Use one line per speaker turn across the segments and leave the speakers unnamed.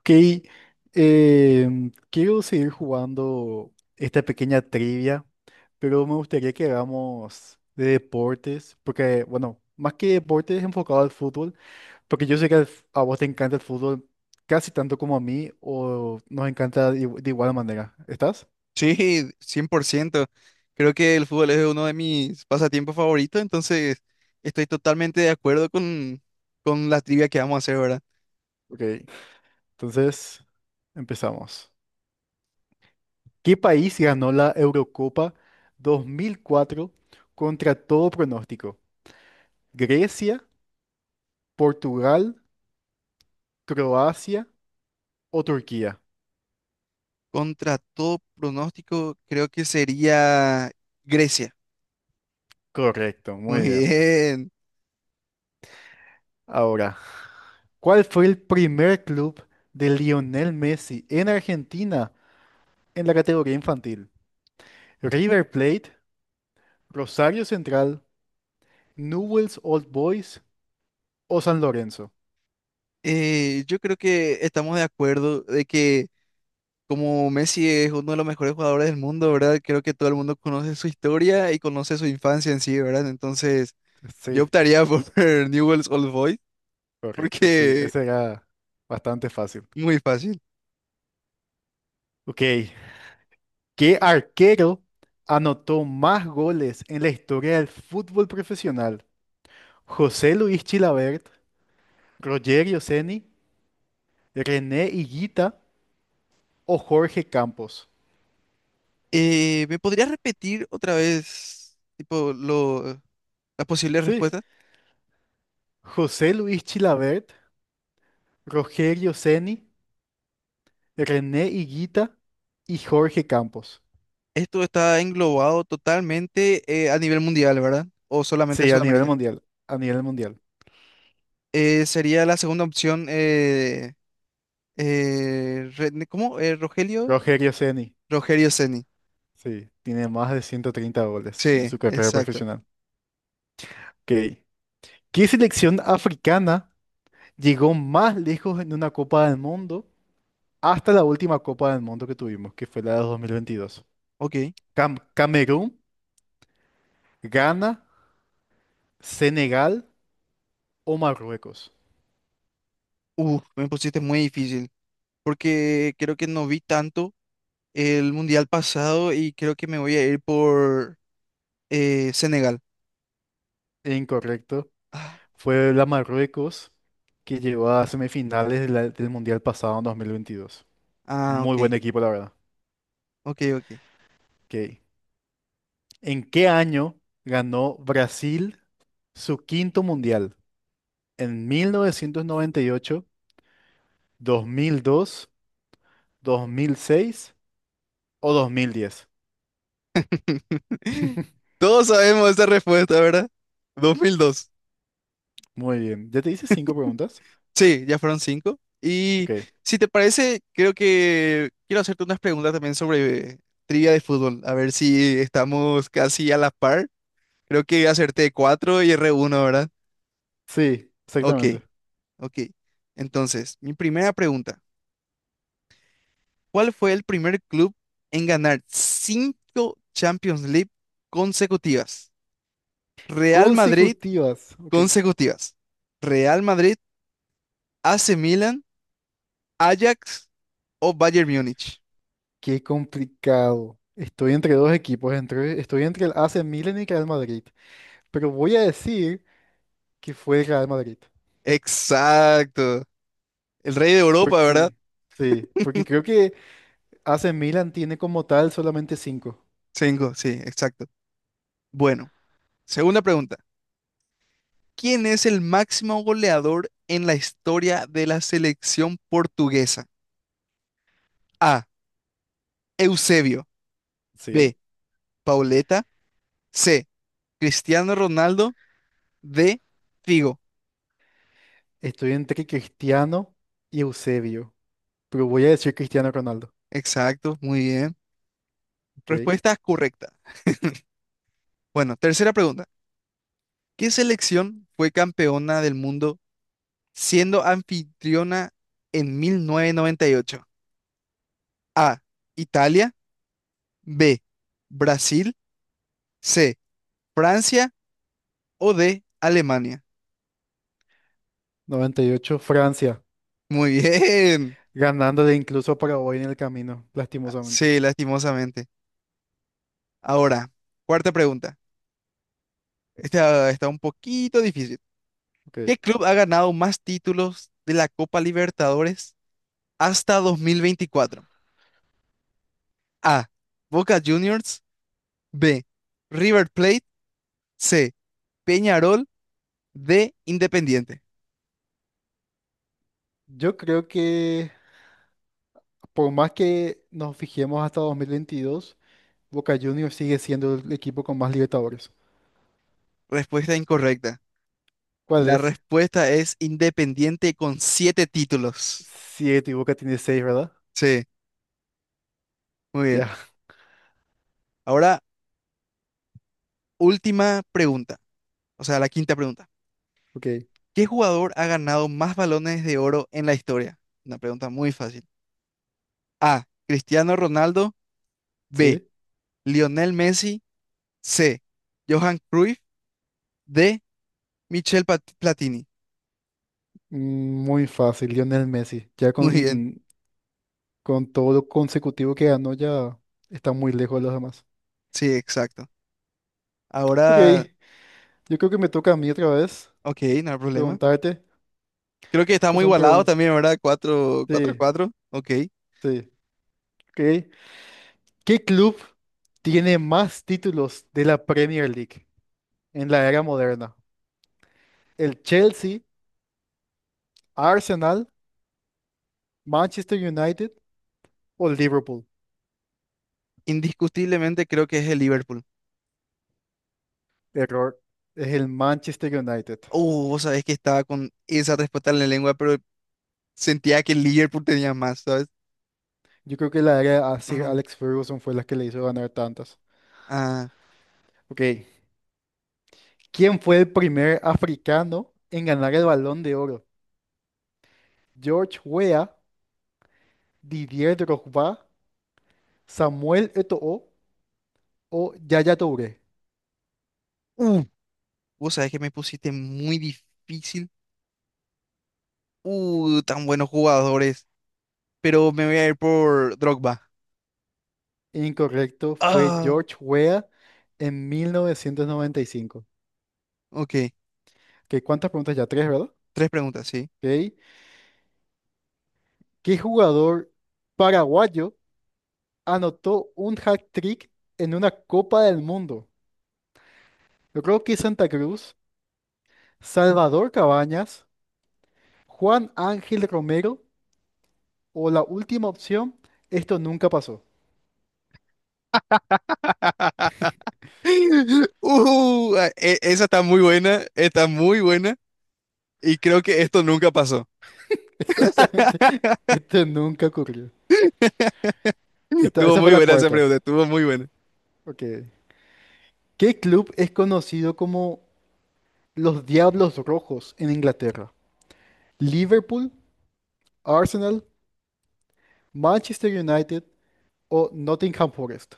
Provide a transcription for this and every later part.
Ok, quiero seguir jugando esta pequeña trivia, pero me gustaría que hagamos de deportes, porque, bueno, más que deportes enfocado al fútbol, porque yo sé que a vos te encanta el fútbol casi tanto como a mí, o nos encanta de igual manera. ¿Estás?
Sí, 100%. Creo que el fútbol es uno de mis pasatiempos favoritos, entonces estoy totalmente de acuerdo con la trivia que vamos a hacer, ¿verdad?
Ok, entonces empezamos. ¿Qué país ganó la Eurocopa 2004 contra todo pronóstico? ¿Grecia? ¿Portugal? ¿Croacia? ¿O Turquía?
Contra todo pronóstico, creo que sería Grecia.
Correcto, muy
Muy
bien.
bien.
Ahora, ¿cuál fue el primer club de Lionel Messi en Argentina en la categoría infantil? ¿River Plate, Rosario Central, Newell's Old Boys o San Lorenzo?
Yo creo que estamos de acuerdo de que como Messi es uno de los mejores jugadores del mundo, ¿verdad? Creo que todo el mundo conoce su historia y conoce su infancia en sí, ¿verdad? Entonces yo
Sí,
optaría por Newell's Old Boys
correcto, sí,
porque
ese era bastante fácil.
muy fácil.
Ok, ¿qué arquero anotó más goles en la historia del fútbol profesional? ¿José Luis Chilabert, Rogerio Ceni, René Higuita o Jorge Campos?
¿Me podrías repetir otra vez, tipo, las posibles
Sí,
respuestas?
José Luis Chilavert, Rogerio Ceni, René Higuita y Jorge Campos.
Esto está englobado totalmente a nivel mundial, ¿verdad? O solamente
Sí,
sí.
a nivel
Sudamérica.
mundial, a nivel mundial.
Sería la segunda opción, ¿cómo? Rogelio.
Rogerio Ceni,
Rogelio Ceni.
sí, tiene más de 130
Sí,
goles en su carrera
exacto. Exacto.
profesional. Ok. ¿Qué selección africana llegó más lejos en una Copa del Mundo hasta la última Copa del Mundo que tuvimos, que fue la de 2022?
Ok.
Camerún, Ghana, Senegal o Marruecos.
Uf, me pusiste muy difícil, porque creo que no vi tanto el mundial pasado y creo que me voy a ir por Senegal.
Incorrecto.
Ah,
Fue la Marruecos que llegó a semifinales del Mundial pasado en 2022.
ah,
Muy buen
ok,
equipo, la verdad.
ok, ok.
Ok. ¿En qué año ganó Brasil su quinto Mundial? ¿En mil novecientos noventa y ocho, 2002, 2006 o 2010?
Todos sabemos esta respuesta, ¿verdad? 2002.
Muy bien. ¿Ya te hice cinco preguntas?
Sí, ya fueron cinco. Y
Ok.
si te parece, creo que quiero hacerte unas preguntas también sobre trivia de fútbol. A ver si estamos casi a la par. Creo que acerté cuatro y erré uno, ¿verdad?
Sí,
Ok,
exactamente.
ok. Entonces, mi primera pregunta. ¿Cuál fue el primer club en ganar cinco Champions League consecutivas? Real Madrid
Consecutivas. Ok.
consecutivas. Real Madrid, AC Milan, Ajax o Bayern Múnich.
Qué complicado. Estoy entre dos equipos. Estoy entre el AC Milan y el Real Madrid. Pero voy a decir que fue el Real Madrid.
Exacto. El rey de Europa, ¿verdad?
Porque, sí, porque creo que AC Milan tiene como tal solamente cinco.
Cinco, sí, exacto. Bueno, segunda pregunta. ¿Quién es el máximo goleador en la historia de la selección portuguesa? A, Eusebio.
Sí.
B, Pauleta. C, Cristiano Ronaldo. D, Figo.
Estoy entre Cristiano y Eusebio, pero voy a decir Cristiano Ronaldo.
Exacto, muy bien.
Ok.
Respuesta correcta. Bueno, tercera pregunta. ¿Qué selección fue campeona del mundo siendo anfitriona en 1998? A, Italia. B, Brasil. C, Francia. O D, Alemania.
Noventa y ocho, Francia,
Muy bien.
ganándole incluso para hoy en el camino, lastimosamente.
Sí, lastimosamente. Ahora, cuarta pregunta. Esta está un poquito difícil.
Ok.
¿Qué club ha ganado más títulos de la Copa Libertadores hasta 2024? A, Boca Juniors. B, River Plate. C, Peñarol de Independiente.
Yo creo que por más que nos fijemos hasta 2022, Boca Juniors sigue siendo el equipo con más Libertadores.
Respuesta incorrecta.
¿Cuál
La
es?
respuesta es Independiente con siete títulos.
Siete, y Boca tiene seis, ¿verdad?
Sí, muy bien.
Ya,
Ahora, última pregunta, o sea, la quinta pregunta.
ok,
¿Qué jugador ha ganado más balones de oro en la historia? Una pregunta muy fácil. A, Cristiano Ronaldo. B,
sí.
Lionel Messi. C, Johan Cruyff. D, Michel Platini.
Muy fácil, Lionel Messi. Ya
Muy bien,
con todo lo consecutivo que ganó, ya está muy lejos de los demás.
sí, exacto.
Ok,
Ahora,
yo creo que me toca a mí otra vez
ok, no hay problema.
preguntarte.
Creo que
Estas
estamos
son
igualados
preguntas.
también, verdad, cuatro, cuatro,
Sí,
cuatro, ok.
sí. Ok. ¿Qué club tiene más títulos de la Premier League en la era moderna? ¿El Chelsea, Arsenal, Manchester United o Liverpool?
Indiscutiblemente creo que es el Liverpool.
Error. Es el Manchester United.
Vos sabés que estaba con esa respuesta en la lengua, pero sentía que el Liverpool tenía más, ¿sabes?
Yo creo que la era a Sir Alex Ferguson fue la que le hizo ganar tantas.
Ah,
Ok, ¿quién fue el primer africano en ganar el Balón de Oro? ¿George Weah, Didier Drogba, Samuel Eto'o o Yaya Touré?
uh, vos sabés que me pusiste muy difícil. Tan buenos jugadores. Pero me voy a ir por Drogba.
Incorrecto, fue
Ah,
George Weah en 1995.
ok.
Ok, ¿cuántas preguntas ya? Tres, ¿verdad?
Tres preguntas, ¿sí?
Ok, ¿qué jugador paraguayo anotó un hat-trick en una Copa del Mundo? Yo creo que Santa Cruz, Salvador Cabañas, Juan Ángel Romero o la última opción, esto nunca pasó.
Ah, esa está muy buena y creo que esto nunca pasó.
Exactamente, esto nunca ocurrió.
Estuvo
Esa fue
muy
la
buena esa
cuarta.
pregunta, estuvo muy buena.
Ok. ¿Qué club es conocido como los Diablos Rojos en Inglaterra? ¿Liverpool, Arsenal, Manchester United o Nottingham Forest?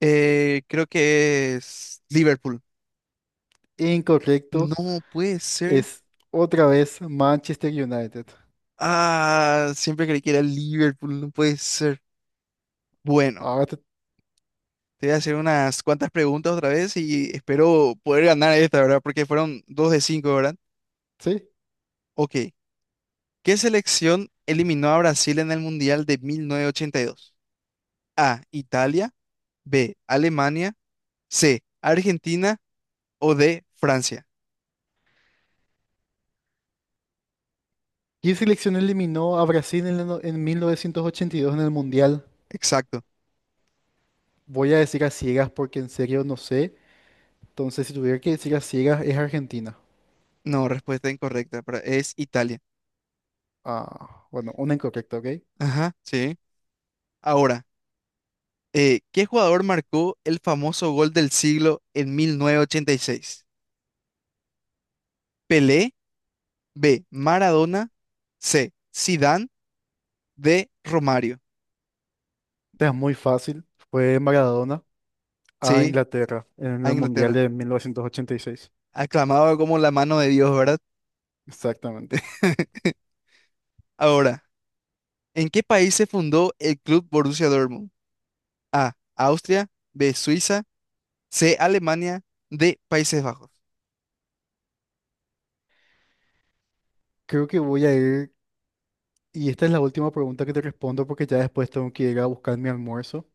Creo que es Liverpool.
Incorrecto,
No puede ser.
es otra vez Manchester United.
Ah, siempre creí que era Liverpool, no puede ser. Bueno,
Ahora te-
te voy a hacer unas cuantas preguntas otra vez y espero poder ganar esta, ¿verdad? Porque fueron dos de cinco, ¿verdad?
sí.
Ok. ¿Qué selección eliminó a Brasil en el Mundial de 1982? A, Italia. B, Alemania. C, Argentina. O D, Francia.
¿Qué selección eliminó a Brasil en, el no- en 1982 en el Mundial?
Exacto.
Voy a decir a ciegas porque en serio no sé. Entonces, si tuviera que decir a ciegas, es Argentina.
No, respuesta incorrecta, pero es Italia.
Ah, bueno, una incorrecta, ¿ok? Esta
Ajá, sí. Ahora, ¿qué jugador marcó el famoso gol del siglo en 1986? Pelé, B, Maradona, C, Zidane, D, Romario.
es muy fácil. Fue Maradona a
Sí,
Inglaterra en
a
el Mundial
Inglaterra.
de 1986.
Aclamado como la mano de Dios, ¿verdad?
Exactamente.
Ahora, ¿en qué país se fundó el club Borussia Dortmund? A, Austria. B, Suiza. C, Alemania. D, Países Bajos.
Creo que voy a ir, y esta es la última pregunta que te respondo porque ya después tengo que ir a buscar mi almuerzo.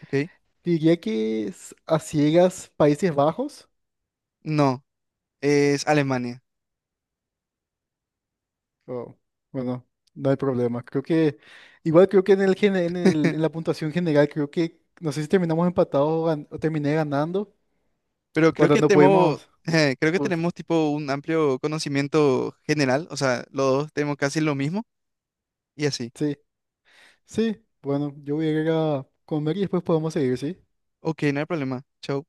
¿Ok?
Diría que es a ciegas Países Bajos.
No, es Alemania.
Oh, bueno, no hay problema. Igual creo que en el, gene- en el- en la puntuación general, creo que, no sé si terminamos empatados o terminé ganando.
Pero
Bueno, no pudimos.
creo que
Pues,
tenemos tipo un amplio conocimiento general. O sea, los dos tenemos casi lo mismo y así.
sí, sí, bueno, yo voy a ir a comer y después podemos seguir, ¿sí?
Ok, no hay problema. Chau.